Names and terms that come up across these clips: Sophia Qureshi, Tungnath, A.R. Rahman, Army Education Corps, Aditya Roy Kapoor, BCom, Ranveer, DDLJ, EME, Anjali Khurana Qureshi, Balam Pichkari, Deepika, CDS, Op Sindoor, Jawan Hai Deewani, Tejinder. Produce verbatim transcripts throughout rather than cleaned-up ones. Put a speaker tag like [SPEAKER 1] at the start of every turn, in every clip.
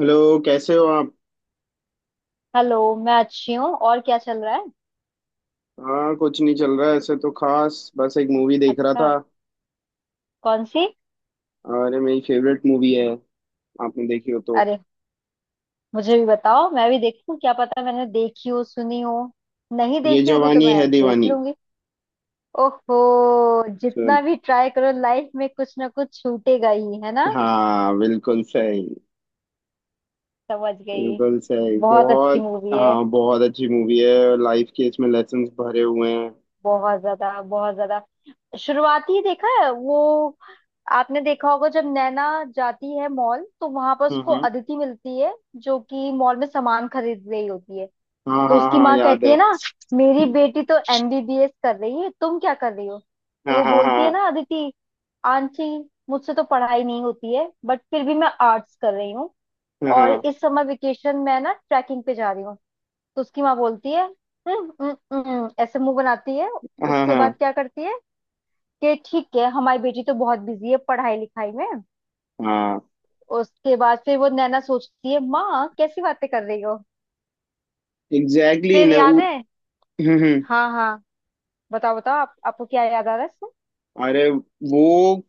[SPEAKER 1] Hello, कैसे हो आप।
[SPEAKER 2] हेलो। मैं अच्छी हूँ और क्या चल रहा है?
[SPEAKER 1] हाँ, कुछ नहीं चल रहा है ऐसे तो खास, बस एक मूवी देख रहा
[SPEAKER 2] अच्छा।
[SPEAKER 1] था।
[SPEAKER 2] कौन सी?
[SPEAKER 1] और ये मेरी फेवरेट मूवी है, आपने देखी हो तो।
[SPEAKER 2] अरे, मुझे भी बताओ, मैं भी देखूँ। क्या पता मैंने देखी हो, सुनी हो। नहीं
[SPEAKER 1] ये
[SPEAKER 2] देखी होगी तो
[SPEAKER 1] जवानी है
[SPEAKER 2] मैं देख
[SPEAKER 1] दीवानी।
[SPEAKER 2] लूंगी। ओहो।
[SPEAKER 1] So,
[SPEAKER 2] जितना भी ट्राई करो लाइफ में कुछ ना कुछ छूटेगा ही, है ना?
[SPEAKER 1] हाँ बिल्कुल सही।
[SPEAKER 2] समझ गई।
[SPEAKER 1] बिल्कुल सही,
[SPEAKER 2] बहुत अच्छी
[SPEAKER 1] बहुत।
[SPEAKER 2] मूवी है।
[SPEAKER 1] हाँ, बहुत अच्छी मूवी है। लाइफ के इसमें लेसन्स भरे हुए हैं।
[SPEAKER 2] बहुत ज्यादा, बहुत ज्यादा। शुरुआती ही देखा है वो। आपने देखा होगा जब नैना जाती है मॉल, तो वहां पर
[SPEAKER 1] हम्म।
[SPEAKER 2] उसको
[SPEAKER 1] हम्म।
[SPEAKER 2] अदिति मिलती है जो कि मॉल में सामान खरीद रही होती है।
[SPEAKER 1] हाँ
[SPEAKER 2] तो
[SPEAKER 1] हाँ
[SPEAKER 2] उसकी
[SPEAKER 1] हाँ,
[SPEAKER 2] माँ
[SPEAKER 1] याद
[SPEAKER 2] कहती
[SPEAKER 1] है।
[SPEAKER 2] है ना, मेरी बेटी तो एमबीबीएस कर रही है, तुम क्या कर रही हो? तो
[SPEAKER 1] हाँ
[SPEAKER 2] वो
[SPEAKER 1] हाँ
[SPEAKER 2] बोलती है
[SPEAKER 1] हाँ
[SPEAKER 2] ना अदिति, आंटी मुझसे तो पढ़ाई नहीं होती है, बट फिर भी मैं आर्ट्स कर रही हूँ,
[SPEAKER 1] हाँ हाँ
[SPEAKER 2] और इस समय वेकेशन में ना ट्रैकिंग पे जा रही हूँ। तो उसकी माँ बोलती है "हम्म, हम्म, हम्म," ऐसे मुंह बनाती है।
[SPEAKER 1] हाँ
[SPEAKER 2] उसके बाद
[SPEAKER 1] हाँ
[SPEAKER 2] क्या करती है कि ठीक है हमारी बेटी तो बहुत बिजी है पढ़ाई लिखाई में।
[SPEAKER 1] हाँ,
[SPEAKER 2] उसके बाद फिर वो नैना सोचती है, माँ कैसी बातें कर रही हो।
[SPEAKER 1] एग्जैक्टली
[SPEAKER 2] फिर
[SPEAKER 1] ना।
[SPEAKER 2] याद
[SPEAKER 1] उ-
[SPEAKER 2] है?
[SPEAKER 1] हम्म। हम्म।
[SPEAKER 2] हाँ, हाँ। बताओ, बताओ, आप, आपको क्या याद आ रहा है इसमें?
[SPEAKER 1] अरे! वो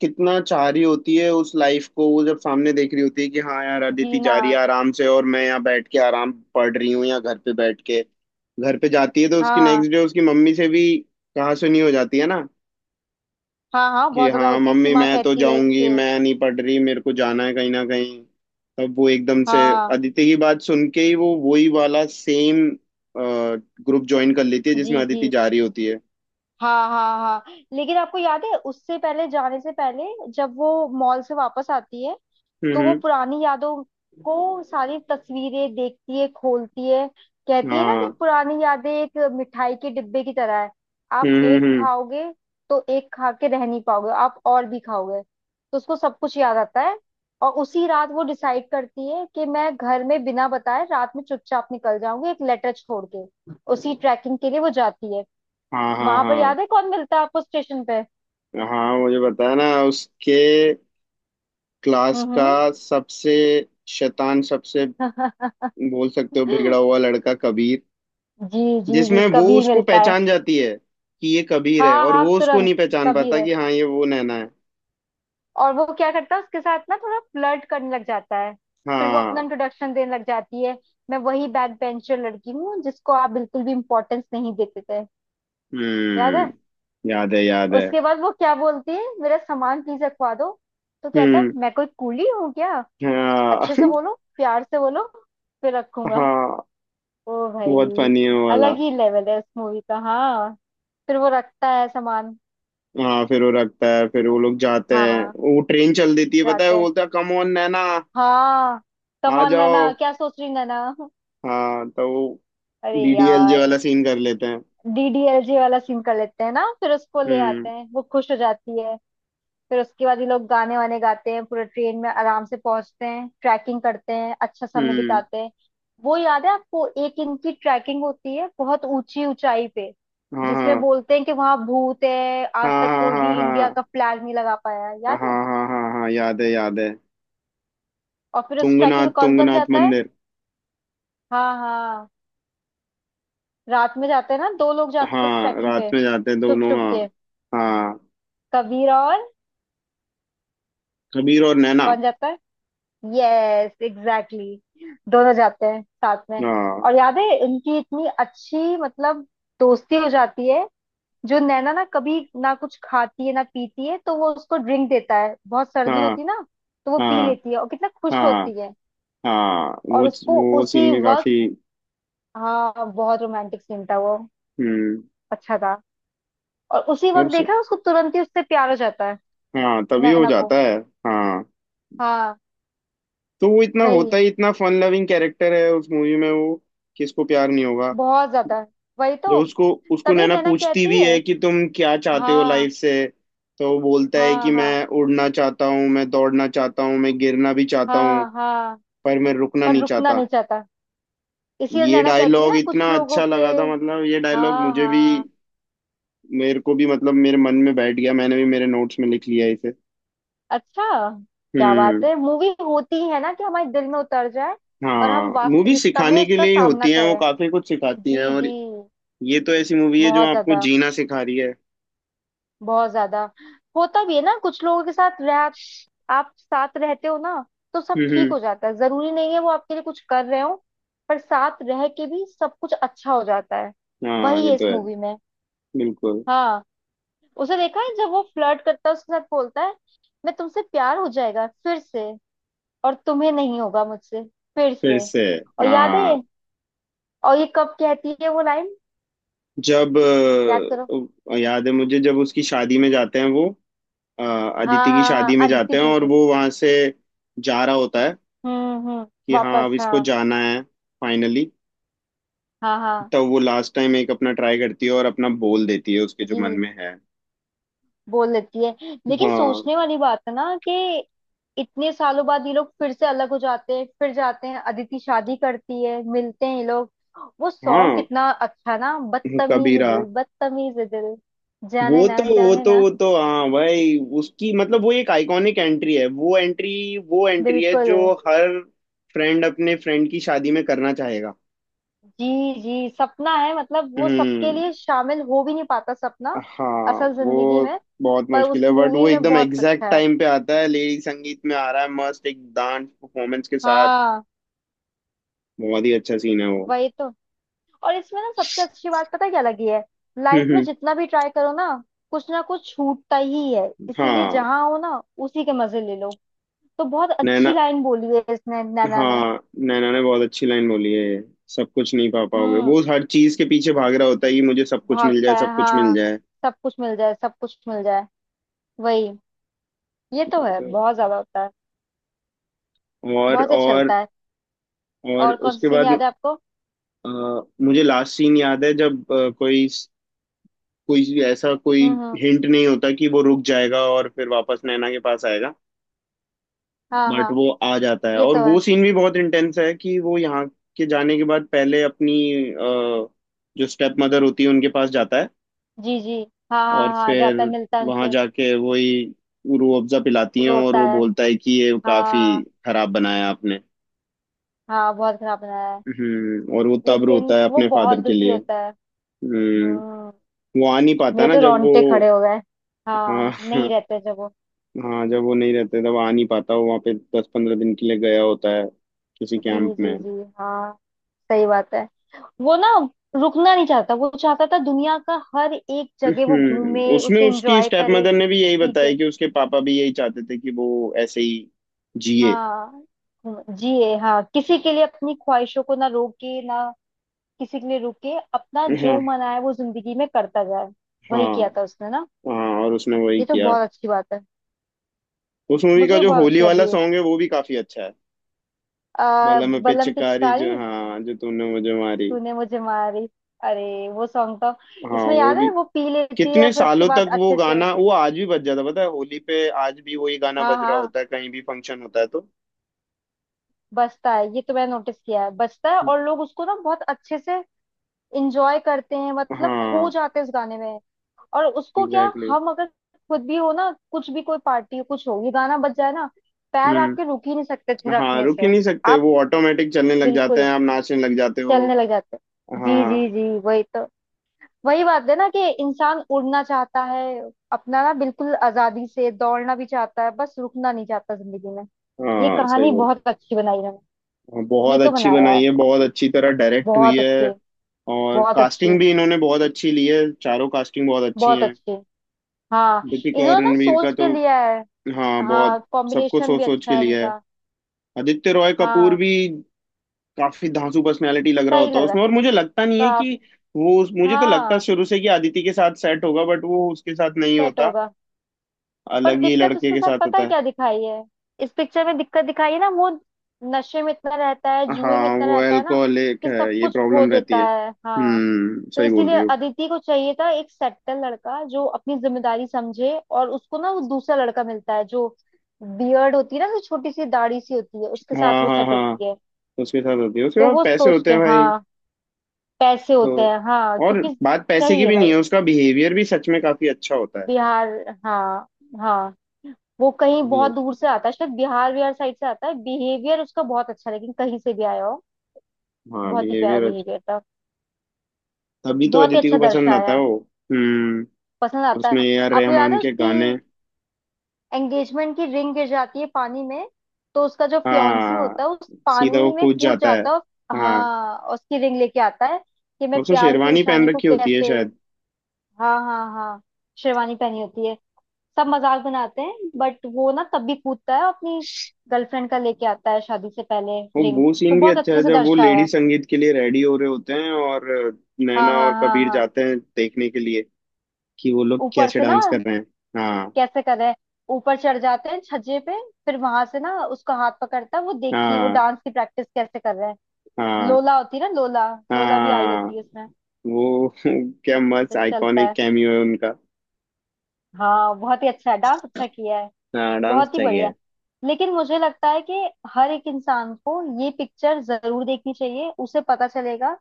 [SPEAKER 1] कितना चाह रही होती है उस लाइफ को, वो जब सामने देख रही होती है कि हाँ यार, अदिति
[SPEAKER 2] जीना।
[SPEAKER 1] जा रही है आराम से और मैं यहाँ बैठ के आराम पढ़ रही हूँ या घर पे बैठ के। घर पे जाती है तो उसकी
[SPEAKER 2] हाँ,
[SPEAKER 1] नेक्स्ट डे उसकी मम्मी से भी कहा सुनी हो जाती है ना।
[SPEAKER 2] हाँ, हाँ।
[SPEAKER 1] कि
[SPEAKER 2] बहुत ज्यादा
[SPEAKER 1] हाँ
[SPEAKER 2] होती है, इसकी
[SPEAKER 1] मम्मी,
[SPEAKER 2] माँ
[SPEAKER 1] मैं तो
[SPEAKER 2] कहती है
[SPEAKER 1] जाऊंगी,
[SPEAKER 2] कि
[SPEAKER 1] मैं नहीं पढ़ रही, मेरे को जाना है कहीं ना कहीं। तब वो एकदम से
[SPEAKER 2] हाँ,
[SPEAKER 1] अदिति की बात सुन के ही वो वही वाला सेम ग्रुप ज्वाइन कर लेती है
[SPEAKER 2] जी,
[SPEAKER 1] जिसमें
[SPEAKER 2] जी,
[SPEAKER 1] अदिति जा रही होती है।
[SPEAKER 2] हाँ, हाँ, हाँ। लेकिन आपको याद है उससे पहले, जाने से पहले, जब वो मॉल से वापस आती है,
[SPEAKER 1] हम्म।
[SPEAKER 2] तो वो
[SPEAKER 1] हम्म।
[SPEAKER 2] पुरानी यादों को सारी तस्वीरें देखती है, खोलती है। कहती है ना कि
[SPEAKER 1] हाँ।
[SPEAKER 2] पुरानी यादें एक मिठाई के डिब्बे की तरह है। आप
[SPEAKER 1] हम्म। हम्म।
[SPEAKER 2] एक
[SPEAKER 1] हम्म।
[SPEAKER 2] खाओगे तो एक खा के रह नहीं पाओगे, आप और भी खाओगे। तो उसको सब कुछ याद आता है। और उसी रात वो डिसाइड करती है कि मैं घर में बिना बताए रात में चुपचाप निकल जाऊंगी एक लेटर छोड़ के। उसी ट्रैकिंग के लिए वो जाती है।
[SPEAKER 1] हाँ हाँ
[SPEAKER 2] वहां पर
[SPEAKER 1] हाँ।
[SPEAKER 2] याद है कौन मिलता है आपको स्टेशन पे?
[SPEAKER 1] हाँ, मुझे बताया ना उसके क्लास का
[SPEAKER 2] हम्म,
[SPEAKER 1] सबसे शैतान, सबसे,
[SPEAKER 2] हम्म।
[SPEAKER 1] बोल सकते हो, बिगड़ा हुआ लड़का कबीर।
[SPEAKER 2] जी, जी, जी,
[SPEAKER 1] जिसमें वो
[SPEAKER 2] कबीर
[SPEAKER 1] उसको
[SPEAKER 2] मिलता है।
[SPEAKER 1] पहचान जाती है कि ये कबीर है
[SPEAKER 2] हाँ,
[SPEAKER 1] और
[SPEAKER 2] हाँ,
[SPEAKER 1] वो उसको
[SPEAKER 2] तुरंत।
[SPEAKER 1] नहीं पहचान
[SPEAKER 2] कबीर
[SPEAKER 1] पाता
[SPEAKER 2] है।
[SPEAKER 1] कि हाँ ये वो नैना है।
[SPEAKER 2] और वो क्या करता है उसके साथ ना, थोड़ा फ्लर्ट करने लग जाता है। फिर वो अपना
[SPEAKER 1] हाँ।
[SPEAKER 2] इंट्रोडक्शन देने लग जाती है, मैं वही बैक बेंचर लड़की हूँ जिसको आप बिल्कुल भी इम्पोर्टेंस नहीं देते थे। याद है?
[SPEAKER 1] हम्म। याद है, याद है।
[SPEAKER 2] उसके बाद वो क्या बोलती है, मेरा सामान प्लीज रखवा दो। तो कहता है,
[SPEAKER 1] हम्म।
[SPEAKER 2] मैं कोई कूली हूँ क्या?
[SPEAKER 1] हाँ
[SPEAKER 2] अच्छे से बोलो, प्यार से बोलो, फिर रखूंगा।
[SPEAKER 1] हाँ।
[SPEAKER 2] ओ
[SPEAKER 1] बहुत फनी है
[SPEAKER 2] भाई।
[SPEAKER 1] वो वाला।
[SPEAKER 2] अलग ही लेवल है उस मूवी का, हाँ। फिर वो रखता है सामान।
[SPEAKER 1] हाँ, फिर वो रखता है, फिर वो लोग जाते हैं,
[SPEAKER 2] हाँ,
[SPEAKER 1] वो ट्रेन चल देती है। पता है
[SPEAKER 2] जाते
[SPEAKER 1] वो
[SPEAKER 2] हैं,
[SPEAKER 1] बोलता है कम ऑन नैना,
[SPEAKER 2] हाँ। कम
[SPEAKER 1] आ
[SPEAKER 2] ऑन
[SPEAKER 1] जाओ।
[SPEAKER 2] नैना, क्या सोच रही नैना?
[SPEAKER 1] हाँ, तो वो
[SPEAKER 2] अरे
[SPEAKER 1] डी डी एल जे
[SPEAKER 2] यार।
[SPEAKER 1] वाला सीन कर लेते हैं।
[SPEAKER 2] डीडीएलजे वाला सीन कर लेते हैं ना, फिर उसको ले
[SPEAKER 1] हम्म।
[SPEAKER 2] आते हैं, वो खुश हो जाती है। फिर उसके बाद ये लोग गाने वाने गाते हैं, पूरे ट्रेन में आराम से पहुंचते हैं, ट्रैकिंग करते हैं, अच्छा समय
[SPEAKER 1] हम्म।
[SPEAKER 2] बिताते हैं। वो याद है आपको, एक इनकी ट्रैकिंग होती है बहुत ऊंची ऊंचाई पे,
[SPEAKER 1] हाँ
[SPEAKER 2] जिसमें
[SPEAKER 1] हाँ
[SPEAKER 2] बोलते हैं कि वहां भूत है, आज तक
[SPEAKER 1] हाँ
[SPEAKER 2] कोई
[SPEAKER 1] हाँ
[SPEAKER 2] भी इंडिया
[SPEAKER 1] हाँ
[SPEAKER 2] का फ्लैग नहीं लगा पाया है,
[SPEAKER 1] हाँ
[SPEAKER 2] याद
[SPEAKER 1] हाँ
[SPEAKER 2] है?
[SPEAKER 1] हाँ हाँ हाँ हाँ, याद है, याद है।
[SPEAKER 2] और फिर उस ट्रैकिंग में
[SPEAKER 1] तुंगनाथ,
[SPEAKER 2] कौन कौन
[SPEAKER 1] तुंगनाथ
[SPEAKER 2] जाता है?
[SPEAKER 1] मंदिर।
[SPEAKER 2] हाँ, हाँ। रात में जाते हैं ना, दो लोग जाते हैं
[SPEAKER 1] हाँ,
[SPEAKER 2] ट्रैकिंग पे।
[SPEAKER 1] रात में जाते हैं
[SPEAKER 2] छुप
[SPEAKER 1] दोनों,
[SPEAKER 2] छुप
[SPEAKER 1] हाँ।
[SPEAKER 2] के।
[SPEAKER 1] हाँ,
[SPEAKER 2] कबीर और,
[SPEAKER 1] कबीर और नैना।
[SPEAKER 2] कौन जाता है? Yes exactly exactly। दोनों जाते हैं साथ में।
[SPEAKER 1] हाँ
[SPEAKER 2] और याद है, इनकी इतनी अच्छी मतलब दोस्ती हो जाती है। जो नैना ना कभी ना कुछ खाती है ना पीती है, तो वो उसको ड्रिंक देता है, बहुत सर्दी
[SPEAKER 1] हाँ
[SPEAKER 2] होती है ना। तो वो पी
[SPEAKER 1] हाँ
[SPEAKER 2] लेती है और कितना खुश
[SPEAKER 1] हाँ
[SPEAKER 2] होती है।
[SPEAKER 1] हाँ। वो
[SPEAKER 2] और उसको
[SPEAKER 1] वो सीन
[SPEAKER 2] उसी
[SPEAKER 1] में
[SPEAKER 2] वक्त,
[SPEAKER 1] काफी।
[SPEAKER 2] हाँ, बहुत रोमांटिक सीन था वो।
[SPEAKER 1] हम्म।
[SPEAKER 2] अच्छा था। और उसी
[SPEAKER 1] और
[SPEAKER 2] वक्त
[SPEAKER 1] उसे-
[SPEAKER 2] देखा, उसको तुरंत ही उससे प्यार हो जाता है।
[SPEAKER 1] हाँ, तभी हो
[SPEAKER 2] नैना को।
[SPEAKER 1] जाता है। हाँ।
[SPEAKER 2] हाँ,
[SPEAKER 1] तो वो इतना
[SPEAKER 2] वही।
[SPEAKER 1] होता ही इतना फन लविंग कैरेक्टर है उस मूवी में वो। किसको प्यार नहीं होगा।
[SPEAKER 2] बहुत ज्यादा। वही
[SPEAKER 1] ये
[SPEAKER 2] तो।
[SPEAKER 1] उसको उसको
[SPEAKER 2] तभी
[SPEAKER 1] नैना
[SPEAKER 2] नैना
[SPEAKER 1] पूछती
[SPEAKER 2] कहती
[SPEAKER 1] भी
[SPEAKER 2] है,
[SPEAKER 1] है कि तुम क्या चाहते हो
[SPEAKER 2] हाँ,
[SPEAKER 1] लाइफ से। तो वो बोलता है कि
[SPEAKER 2] हाँ, हाँ,
[SPEAKER 1] मैं उड़ना चाहता हूँ, मैं दौड़ना चाहता हूँ, मैं गिरना भी चाहता हूँ,
[SPEAKER 2] हाँ, हाँ।
[SPEAKER 1] पर मैं रुकना
[SPEAKER 2] पर
[SPEAKER 1] नहीं
[SPEAKER 2] रुकना
[SPEAKER 1] चाहता।
[SPEAKER 2] नहीं चाहता। इसीलिए
[SPEAKER 1] ये
[SPEAKER 2] नैना कहती है
[SPEAKER 1] डायलॉग
[SPEAKER 2] ना, कुछ
[SPEAKER 1] इतना
[SPEAKER 2] लोगों
[SPEAKER 1] अच्छा
[SPEAKER 2] के।
[SPEAKER 1] लगा था, मतलब ये डायलॉग
[SPEAKER 2] हाँ,
[SPEAKER 1] मुझे भी,
[SPEAKER 2] हाँ।
[SPEAKER 1] मेरे को भी, मतलब मेरे मन में बैठ गया, मैंने भी मेरे नोट्स में लिख लिया इसे।
[SPEAKER 2] अच्छा। क्या बात
[SPEAKER 1] हम्म।
[SPEAKER 2] है, मूवी होती है ना कि हमारे दिल में उतर जाए। और हम
[SPEAKER 1] हाँ, मूवी
[SPEAKER 2] वास्तविकता में
[SPEAKER 1] सिखाने के
[SPEAKER 2] इसका
[SPEAKER 1] लिए ही
[SPEAKER 2] सामना
[SPEAKER 1] होती है, वो
[SPEAKER 2] करें।
[SPEAKER 1] काफी कुछ सिखाती हैं,
[SPEAKER 2] जी,
[SPEAKER 1] और
[SPEAKER 2] जी।
[SPEAKER 1] ये तो ऐसी मूवी है जो
[SPEAKER 2] बहुत
[SPEAKER 1] आपको
[SPEAKER 2] ज्यादा।
[SPEAKER 1] जीना सिखा रही है।
[SPEAKER 2] बहुत ज्यादा होता भी है ना, कुछ लोगों के साथ रह, आप साथ रहते हो ना, तो सब
[SPEAKER 1] हम्म।
[SPEAKER 2] ठीक
[SPEAKER 1] हम्म,
[SPEAKER 2] हो जाता है। जरूरी नहीं है वो आपके लिए कुछ कर रहे हो, पर साथ रह के भी सब कुछ अच्छा हो जाता है।
[SPEAKER 1] हाँ
[SPEAKER 2] वही
[SPEAKER 1] ये
[SPEAKER 2] है इस
[SPEAKER 1] तो है।
[SPEAKER 2] मूवी में।
[SPEAKER 1] बिल्कुल।
[SPEAKER 2] हाँ। उसे देखा है जब वो फ्लर्ट करता है उसके साथ, बोलता है, मैं तुमसे प्यार हो जाएगा फिर से, और तुम्हें नहीं होगा मुझसे। फिर
[SPEAKER 1] फिर
[SPEAKER 2] से।
[SPEAKER 1] से।
[SPEAKER 2] और याद है?
[SPEAKER 1] हाँ।
[SPEAKER 2] और ये कब कहती है वो लाइन?
[SPEAKER 1] जब
[SPEAKER 2] याद करो।
[SPEAKER 1] अ, याद है मुझे जब उसकी शादी में जाते हैं वो, अ,
[SPEAKER 2] हाँ,
[SPEAKER 1] अदिति की
[SPEAKER 2] हाँ,
[SPEAKER 1] शादी
[SPEAKER 2] हाँ,
[SPEAKER 1] में जाते
[SPEAKER 2] अदिति
[SPEAKER 1] हैं
[SPEAKER 2] की
[SPEAKER 1] और
[SPEAKER 2] है।
[SPEAKER 1] वो वहां से जा रहा होता है
[SPEAKER 2] हम्म, हम्म।
[SPEAKER 1] कि हाँ, अब
[SPEAKER 2] वापस,
[SPEAKER 1] इसको
[SPEAKER 2] हाँ।
[SPEAKER 1] जाना है, फाइनली।
[SPEAKER 2] हाँ, हाँ।
[SPEAKER 1] तब वो लास्ट टाइम एक अपना ट्राई करती है और अपना बोल देती है उसके जो
[SPEAKER 2] जी,
[SPEAKER 1] मन में है।
[SPEAKER 2] बोल देती है। लेकिन
[SPEAKER 1] हाँ।
[SPEAKER 2] सोचने वाली बात है ना कि इतने सालों बाद ये लोग फिर से अलग हो जाते हैं, फिर जाते हैं, अदिति शादी करती है, मिलते हैं ये लोग। वो सॉन्ग
[SPEAKER 1] हाँ।
[SPEAKER 2] कितना अच्छा है ना, बदतमीज
[SPEAKER 1] कबीरा।
[SPEAKER 2] दिल, बदतमीज दिल, जाने
[SPEAKER 1] वो तो
[SPEAKER 2] ना,
[SPEAKER 1] वो
[SPEAKER 2] जाने
[SPEAKER 1] तो
[SPEAKER 2] ना।
[SPEAKER 1] वो तो हाँ भाई, उसकी मतलब वो एक आइकॉनिक एंट्री है, वो एंट्री, वो एंट्री है
[SPEAKER 2] बिल्कुल।
[SPEAKER 1] जो हर फ्रेंड अपने फ्रेंड की शादी में करना चाहेगा।
[SPEAKER 2] जी, जी, सपना है, मतलब वो सबके
[SPEAKER 1] हम्म।
[SPEAKER 2] लिए शामिल हो भी नहीं पाता, सपना
[SPEAKER 1] हाँ
[SPEAKER 2] असल जिंदगी
[SPEAKER 1] वो।
[SPEAKER 2] में।
[SPEAKER 1] बहुत
[SPEAKER 2] पर
[SPEAKER 1] मुश्किल
[SPEAKER 2] उस
[SPEAKER 1] है, बट
[SPEAKER 2] मूवी
[SPEAKER 1] वो
[SPEAKER 2] में
[SPEAKER 1] एकदम
[SPEAKER 2] बहुत
[SPEAKER 1] एग्जैक्ट
[SPEAKER 2] अच्छा है।
[SPEAKER 1] टाइम पे आता है, लेडी संगीत में आ रहा है मस्त एक डांस परफॉर्मेंस के साथ।
[SPEAKER 2] हाँ।
[SPEAKER 1] बहुत ही अच्छा सीन है वो।
[SPEAKER 2] वही तो। और इसमें ना सबसे अच्छी बात पता है क्या लगी है? लाइफ में जितना भी ट्राई करो ना, कुछ ना कुछ छूटता ही है, इसीलिए
[SPEAKER 1] हाँ।
[SPEAKER 2] जहां हो ना, उसी के मजे ले लो। तो बहुत अच्छी
[SPEAKER 1] नैना।
[SPEAKER 2] लाइन बोली है इसने, नैना ने।
[SPEAKER 1] हाँ, नैना ने बहुत अच्छी लाइन बोली है। सब कुछ नहीं पा पाओगे।
[SPEAKER 2] हम्म।
[SPEAKER 1] वो हर चीज के पीछे भाग रहा होता है कि मुझे सब कुछ मिल
[SPEAKER 2] भागता
[SPEAKER 1] जाए,
[SPEAKER 2] है,
[SPEAKER 1] सब कुछ मिल
[SPEAKER 2] हाँ।
[SPEAKER 1] जाए।
[SPEAKER 2] सब कुछ मिल जाए, सब कुछ मिल जाए। वही। ये तो है,
[SPEAKER 1] तो-
[SPEAKER 2] बहुत ज्यादा होता है।
[SPEAKER 1] और
[SPEAKER 2] बहुत ही
[SPEAKER 1] और
[SPEAKER 2] चलता है।
[SPEAKER 1] और
[SPEAKER 2] और कौन सा
[SPEAKER 1] उसके
[SPEAKER 2] सीन
[SPEAKER 1] बाद
[SPEAKER 2] याद है आपको?
[SPEAKER 1] अ, मुझे लास्ट सीन याद है जब अ, कोई कोई ऐसा, कोई
[SPEAKER 2] हम्म, हम्म।
[SPEAKER 1] हिंट नहीं होता कि वो रुक जाएगा और फिर वापस नैना के पास आएगा।
[SPEAKER 2] हाँ,
[SPEAKER 1] बट
[SPEAKER 2] हाँ,
[SPEAKER 1] वो आ जाता है,
[SPEAKER 2] ये
[SPEAKER 1] और
[SPEAKER 2] तो है।
[SPEAKER 1] वो सीन भी बहुत इंटेंस है कि वो यहाँ के जाने के बाद पहले अपनी, अ, जो स्टेप मदर होती है उनके पास जाता है
[SPEAKER 2] जी, जी, हाँ, हाँ,
[SPEAKER 1] और
[SPEAKER 2] हाँ,
[SPEAKER 1] फिर
[SPEAKER 2] जाता है, मिलता है
[SPEAKER 1] वहां
[SPEAKER 2] उनसे।
[SPEAKER 1] जाके वही रूह अफ़ज़ा पिलाती हैं और
[SPEAKER 2] रोता
[SPEAKER 1] वो
[SPEAKER 2] है,
[SPEAKER 1] बोलता है कि ये काफी
[SPEAKER 2] हाँ।
[SPEAKER 1] खराब बनाया आपने।
[SPEAKER 2] हाँ, बहुत खराब बनाया है।
[SPEAKER 1] हम्म। और वो तब रोता
[SPEAKER 2] लेकिन
[SPEAKER 1] है
[SPEAKER 2] वो
[SPEAKER 1] अपने
[SPEAKER 2] बहुत
[SPEAKER 1] फादर के
[SPEAKER 2] दुखी
[SPEAKER 1] लिए।
[SPEAKER 2] होता है।
[SPEAKER 1] हम्म।
[SPEAKER 2] हम्म।
[SPEAKER 1] वो आ नहीं पाता
[SPEAKER 2] मेरे
[SPEAKER 1] ना
[SPEAKER 2] तो
[SPEAKER 1] जब वो।
[SPEAKER 2] रोंगटे खड़े हो गए।
[SPEAKER 1] हाँ
[SPEAKER 2] हाँ, नहीं रहते जब वो,
[SPEAKER 1] हाँ, जब वो नहीं रहते तब आ नहीं पाता वो वहाँ पे। दस पंद्रह दिन के लिए गया होता है किसी
[SPEAKER 2] जी,
[SPEAKER 1] कैंप में।
[SPEAKER 2] जी, जी, हाँ, सही बात है। वो ना रुकना नहीं चाहता, वो चाहता था दुनिया का हर एक जगह वो
[SPEAKER 1] हम्म।
[SPEAKER 2] घूमे,
[SPEAKER 1] उसमें
[SPEAKER 2] उसे
[SPEAKER 1] उसकी
[SPEAKER 2] एंजॉय
[SPEAKER 1] स्टेप
[SPEAKER 2] करे।
[SPEAKER 1] मदर ने भी यही
[SPEAKER 2] ठीक है।
[SPEAKER 1] बताया कि उसके पापा भी यही चाहते थे कि वो ऐसे ही जिए।
[SPEAKER 2] हाँ। घूमे- जिए, हाँ, किसी के लिए अपनी ख्वाहिशों को ना रोके ना, किसी के लिए रुके, अपना जो
[SPEAKER 1] हाँ।
[SPEAKER 2] मन आए वो जिंदगी में करता जाए। वही
[SPEAKER 1] हाँ।
[SPEAKER 2] किया था उसने ना।
[SPEAKER 1] हाँ, और उसने वही
[SPEAKER 2] ये तो
[SPEAKER 1] किया।
[SPEAKER 2] बहुत अच्छी बात है।
[SPEAKER 1] उस मूवी का
[SPEAKER 2] मुझे
[SPEAKER 1] जो
[SPEAKER 2] बहुत
[SPEAKER 1] होली
[SPEAKER 2] अच्छी
[SPEAKER 1] वाला
[SPEAKER 2] लगी है।
[SPEAKER 1] सॉन्ग है, वो भी काफी अच्छा है।
[SPEAKER 2] आ,
[SPEAKER 1] बलम
[SPEAKER 2] बलम
[SPEAKER 1] पिचकारी, जो,
[SPEAKER 2] पिचकारी,
[SPEAKER 1] हाँ जो तूने मुझे मारी।
[SPEAKER 2] तूने मुझे मारी। अरे, वो सॉन्ग तो,
[SPEAKER 1] हाँ,
[SPEAKER 2] इसमें
[SPEAKER 1] वो
[SPEAKER 2] याद
[SPEAKER 1] भी।
[SPEAKER 2] है वो पी लेती है
[SPEAKER 1] कितने
[SPEAKER 2] फिर उसके
[SPEAKER 1] सालों
[SPEAKER 2] बाद
[SPEAKER 1] तक वो
[SPEAKER 2] अच्छे से।
[SPEAKER 1] गाना, वो आज भी बज जाता है, पता है होली पे आज भी वही गाना
[SPEAKER 2] हाँ,
[SPEAKER 1] बज रहा
[SPEAKER 2] हाँ,
[SPEAKER 1] होता है कहीं भी फंक्शन होता है तो।
[SPEAKER 2] बचता है, ये तो मैंने नोटिस किया है, बचता है और लोग उसको ना बहुत अच्छे से इंजॉय करते हैं, मतलब खो
[SPEAKER 1] हाँ।
[SPEAKER 2] जाते हैं उस गाने में। और उसको क्या,
[SPEAKER 1] एग्जैक्टली।
[SPEAKER 2] हम अगर खुद भी हो ना, कुछ भी, कोई पार्टी हो कुछ हो, ये गाना बज जाए ना, पैर
[SPEAKER 1] हम्म।
[SPEAKER 2] आपके रुक ही नहीं सकते
[SPEAKER 1] हाँ,
[SPEAKER 2] थिरकने
[SPEAKER 1] रुक ही
[SPEAKER 2] से।
[SPEAKER 1] नहीं सकते
[SPEAKER 2] आप
[SPEAKER 1] वो, ऑटोमेटिक चलने लग जाते
[SPEAKER 2] बिल्कुल
[SPEAKER 1] हैं, आप नाचने लग जाते हो।
[SPEAKER 2] चलने लग जाते। जी,
[SPEAKER 1] हाँ।
[SPEAKER 2] जी, जी, वही तो। वही बात है ना कि इंसान उड़ना चाहता है, अपना ना बिल्कुल आजादी से दौड़ना भी चाहता है, बस रुकना नहीं चाहता जिंदगी में। ये
[SPEAKER 1] हाँ, सही
[SPEAKER 2] कहानी
[SPEAKER 1] बोलो।
[SPEAKER 2] बहुत अच्छी बनाई इन्होंने।
[SPEAKER 1] हाँ,
[SPEAKER 2] ये
[SPEAKER 1] बहुत
[SPEAKER 2] तो
[SPEAKER 1] अच्छी
[SPEAKER 2] बनाया
[SPEAKER 1] बनाई
[SPEAKER 2] है
[SPEAKER 1] है, बहुत अच्छी तरह डायरेक्ट हुई
[SPEAKER 2] बहुत
[SPEAKER 1] है।
[SPEAKER 2] अच्छे।
[SPEAKER 1] और
[SPEAKER 2] बहुत अच्छे,
[SPEAKER 1] कास्टिंग भी इन्होंने बहुत अच्छी ली है, चारों कास्टिंग बहुत अच्छी
[SPEAKER 2] बहुत
[SPEAKER 1] हैं।
[SPEAKER 2] अच्छे, हाँ।
[SPEAKER 1] दीपिका और
[SPEAKER 2] इन्होंने ना
[SPEAKER 1] रणवीर का
[SPEAKER 2] सोच के
[SPEAKER 1] तो
[SPEAKER 2] लिया है।
[SPEAKER 1] हाँ बहुत।
[SPEAKER 2] हाँ,
[SPEAKER 1] सबको
[SPEAKER 2] कॉम्बिनेशन
[SPEAKER 1] सोच
[SPEAKER 2] भी
[SPEAKER 1] सोच
[SPEAKER 2] अच्छा
[SPEAKER 1] के
[SPEAKER 2] है
[SPEAKER 1] लिया है।
[SPEAKER 2] इनका।
[SPEAKER 1] आदित्य रॉय कपूर
[SPEAKER 2] हाँ,
[SPEAKER 1] भी काफी धांसू पर्सनैलिटी लग रहा
[SPEAKER 2] सही
[SPEAKER 1] होता
[SPEAKER 2] लग
[SPEAKER 1] है
[SPEAKER 2] रहा है।
[SPEAKER 1] उसमें, और मुझे लगता नहीं है
[SPEAKER 2] का,
[SPEAKER 1] कि वो, मुझे तो लगता
[SPEAKER 2] हाँ,
[SPEAKER 1] शुरू से कि आदिति के साथ सेट होगा, बट वो उसके साथ नहीं
[SPEAKER 2] सेट
[SPEAKER 1] होता,
[SPEAKER 2] होगा। पर
[SPEAKER 1] अलग ही
[SPEAKER 2] दिक्कत
[SPEAKER 1] लड़के
[SPEAKER 2] उसके
[SPEAKER 1] के
[SPEAKER 2] साथ
[SPEAKER 1] साथ
[SPEAKER 2] पता
[SPEAKER 1] होता
[SPEAKER 2] है
[SPEAKER 1] है।
[SPEAKER 2] क्या दिखाई है, इस पिक्चर में दिक्कत दिखाई है ना, वो नशे में इतना रहता है, जुए में
[SPEAKER 1] हाँ,
[SPEAKER 2] इतना
[SPEAKER 1] वो
[SPEAKER 2] रहता है ना
[SPEAKER 1] अल्कोहलिक
[SPEAKER 2] कि
[SPEAKER 1] है,
[SPEAKER 2] सब
[SPEAKER 1] ये
[SPEAKER 2] कुछ खो
[SPEAKER 1] प्रॉब्लम रहती
[SPEAKER 2] देता
[SPEAKER 1] है।
[SPEAKER 2] है, हाँ।
[SPEAKER 1] हम्म,
[SPEAKER 2] तो
[SPEAKER 1] सही बोल
[SPEAKER 2] इसीलिए
[SPEAKER 1] रही हो।
[SPEAKER 2] अदिति को चाहिए था एक सेटल लड़का जो अपनी जिम्मेदारी समझे, और उसको ना वो दूसरा लड़का मिलता है, जो बियर्ड होती है ना, जो छोटी सी दाढ़ी सी होती है, उसके साथ
[SPEAKER 1] हाँ
[SPEAKER 2] वो
[SPEAKER 1] हाँ
[SPEAKER 2] सेट
[SPEAKER 1] हाँ,
[SPEAKER 2] होती है।
[SPEAKER 1] तो उसके साथ होती है, उसके
[SPEAKER 2] तो
[SPEAKER 1] बाद
[SPEAKER 2] वो
[SPEAKER 1] पैसे
[SPEAKER 2] सोच
[SPEAKER 1] होते
[SPEAKER 2] के,
[SPEAKER 1] हैं भाई।
[SPEAKER 2] हाँ, पैसे
[SPEAKER 1] तो
[SPEAKER 2] होते हैं हाँ,
[SPEAKER 1] और
[SPEAKER 2] क्योंकि
[SPEAKER 1] बात पैसे की
[SPEAKER 2] चाहिए
[SPEAKER 1] भी नहीं
[SPEAKER 2] भाई।
[SPEAKER 1] है, उसका बिहेवियर भी सच में काफी अच्छा होता है।
[SPEAKER 2] बिहार, हाँ, हाँ। वो कहीं बहुत
[SPEAKER 1] बिहेवियर,
[SPEAKER 2] दूर से आता है, शायद बिहार बिहार साइड से आता है। बिहेवियर उसका बहुत अच्छा है, लेकिन कहीं से भी आया हो,
[SPEAKER 1] हाँ
[SPEAKER 2] बहुत ही प्यारा
[SPEAKER 1] बिहेवियर अच्छा।
[SPEAKER 2] बिहेवियर था।
[SPEAKER 1] तभी तो
[SPEAKER 2] बहुत ही
[SPEAKER 1] अदिति
[SPEAKER 2] अच्छा
[SPEAKER 1] को पसंद आता
[SPEAKER 2] दर्शाया
[SPEAKER 1] है
[SPEAKER 2] है।
[SPEAKER 1] वो। हम्म।
[SPEAKER 2] पसंद आता
[SPEAKER 1] उसमें
[SPEAKER 2] है।
[SPEAKER 1] ए आर
[SPEAKER 2] आपको याद
[SPEAKER 1] रहमान
[SPEAKER 2] है
[SPEAKER 1] के
[SPEAKER 2] उसकी
[SPEAKER 1] गाने।
[SPEAKER 2] एंगेजमेंट की रिंग गिर जाती है पानी में? तो उसका जो फियांसी
[SPEAKER 1] हाँ,
[SPEAKER 2] होता है उस
[SPEAKER 1] सीधा वो
[SPEAKER 2] पानी में
[SPEAKER 1] कूद
[SPEAKER 2] कूद
[SPEAKER 1] जाता है।
[SPEAKER 2] जाता है और-
[SPEAKER 1] हाँ,
[SPEAKER 2] हाँ, और उसकी रिंग लेके आता है कि मैं
[SPEAKER 1] उसने
[SPEAKER 2] प्यार की
[SPEAKER 1] शेरवानी पहन
[SPEAKER 2] निशानी को
[SPEAKER 1] रखी होती है
[SPEAKER 2] कैसे,
[SPEAKER 1] शायद।
[SPEAKER 2] हाँ, हाँ, हाँ, शेरवानी पहनी होती है। सब मजाक बनाते हैं बट वो ना तब भी कूदता है और अपनी गर्लफ्रेंड का लेके आता है शादी से पहले,
[SPEAKER 1] वो
[SPEAKER 2] रिंग
[SPEAKER 1] वो
[SPEAKER 2] तो
[SPEAKER 1] सीन भी
[SPEAKER 2] बहुत
[SPEAKER 1] अच्छा
[SPEAKER 2] अच्छे
[SPEAKER 1] है
[SPEAKER 2] से
[SPEAKER 1] जब वो
[SPEAKER 2] दर्शाया
[SPEAKER 1] लेडी
[SPEAKER 2] है।
[SPEAKER 1] संगीत के लिए रेडी हो रहे होते हैं और
[SPEAKER 2] हाँ,
[SPEAKER 1] नैना
[SPEAKER 2] हाँ,
[SPEAKER 1] और
[SPEAKER 2] हाँ,
[SPEAKER 1] कबीर
[SPEAKER 2] हाँ।
[SPEAKER 1] जाते हैं देखने के लिए कि वो लोग
[SPEAKER 2] ऊपर
[SPEAKER 1] कैसे
[SPEAKER 2] से ना,
[SPEAKER 1] डांस कर रहे हैं। हाँ
[SPEAKER 2] कैसे कर रहे हैं, ऊपर चढ़ जाते हैं छज्जे पे, फिर वहां से ना उसका हाथ पकड़ता है, वो देखती है वो
[SPEAKER 1] हाँ
[SPEAKER 2] डांस की प्रैक्टिस कैसे कर रहे हैं।
[SPEAKER 1] हाँ
[SPEAKER 2] लोला होती है ना, लोला। लोला भी आई
[SPEAKER 1] हाँ।
[SPEAKER 2] होती है उसमें।
[SPEAKER 1] वो क्या
[SPEAKER 2] तो
[SPEAKER 1] मस्त
[SPEAKER 2] चलता
[SPEAKER 1] आइकॉनिक
[SPEAKER 2] है।
[SPEAKER 1] कैमियो है उनका।
[SPEAKER 2] हाँ, बहुत ही अच्छा है, डांस अच्छा किया है।
[SPEAKER 1] हाँ, डांस
[SPEAKER 2] बहुत ही बढ़िया
[SPEAKER 1] चाहिए।
[SPEAKER 2] है। लेकिन मुझे लगता है कि हर एक इंसान को ये पिक्चर जरूर देखनी चाहिए, उसे पता चलेगा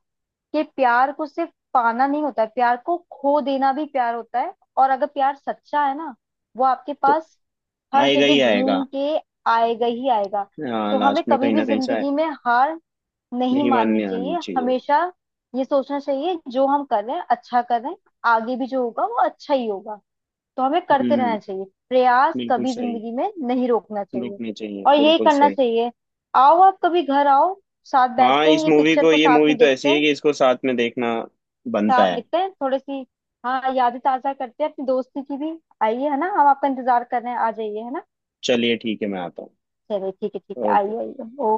[SPEAKER 2] कि प्यार को सिर्फ पाना नहीं होता है, प्यार को खो देना भी प्यार होता है। और अगर प्यार सच्चा है ना, वो आपके
[SPEAKER 1] तो
[SPEAKER 2] पास हर
[SPEAKER 1] आएगा ही
[SPEAKER 2] जगह
[SPEAKER 1] आएगा।
[SPEAKER 2] घूम के आएगा ही आएगा।
[SPEAKER 1] हाँ,
[SPEAKER 2] तो हमें
[SPEAKER 1] लास्ट में
[SPEAKER 2] कभी
[SPEAKER 1] कहीं
[SPEAKER 2] भी
[SPEAKER 1] ना कहीं से आए।
[SPEAKER 2] जिंदगी में हार नहीं
[SPEAKER 1] नहीं
[SPEAKER 2] माननी
[SPEAKER 1] मानने आनी
[SPEAKER 2] चाहिए,
[SPEAKER 1] चाहिए।
[SPEAKER 2] हमेशा ये सोचना चाहिए जो हम कर रहे हैं अच्छा कर रहे हैं। आगे भी जो होगा वो अच्छा ही होगा। तो हमें करते रहना
[SPEAKER 1] हम्म,
[SPEAKER 2] चाहिए प्रयास,
[SPEAKER 1] बिल्कुल
[SPEAKER 2] कभी
[SPEAKER 1] सही।
[SPEAKER 2] जिंदगी में नहीं रोकना चाहिए।
[SPEAKER 1] रुकने चाहिए,
[SPEAKER 2] और यही
[SPEAKER 1] बिल्कुल
[SPEAKER 2] करना
[SPEAKER 1] सही।
[SPEAKER 2] चाहिए। आओ, आप कभी घर आओ, साथ
[SPEAKER 1] हाँ,
[SPEAKER 2] बैठते हैं,
[SPEAKER 1] इस
[SPEAKER 2] ये
[SPEAKER 1] मूवी
[SPEAKER 2] पिक्चर
[SPEAKER 1] को,
[SPEAKER 2] को
[SPEAKER 1] ये
[SPEAKER 2] साथ
[SPEAKER 1] मूवी
[SPEAKER 2] में
[SPEAKER 1] तो
[SPEAKER 2] देखते
[SPEAKER 1] ऐसी है
[SPEAKER 2] हैं।
[SPEAKER 1] कि इसको साथ में देखना बनता
[SPEAKER 2] साफ
[SPEAKER 1] है।
[SPEAKER 2] दिखते हैं थोड़ी सी। हाँ, यादें ताजा करते हैं अपनी दोस्ती की भी। आइए, है ना, हम आपका इंतजार कर रहे हैं, आ जाइए, है ना।
[SPEAKER 1] चलिए, ठीक है, मैं आता हूँ।
[SPEAKER 2] चलिए ठीक है, ठीक है, आइए,
[SPEAKER 1] ओके।
[SPEAKER 2] आइए।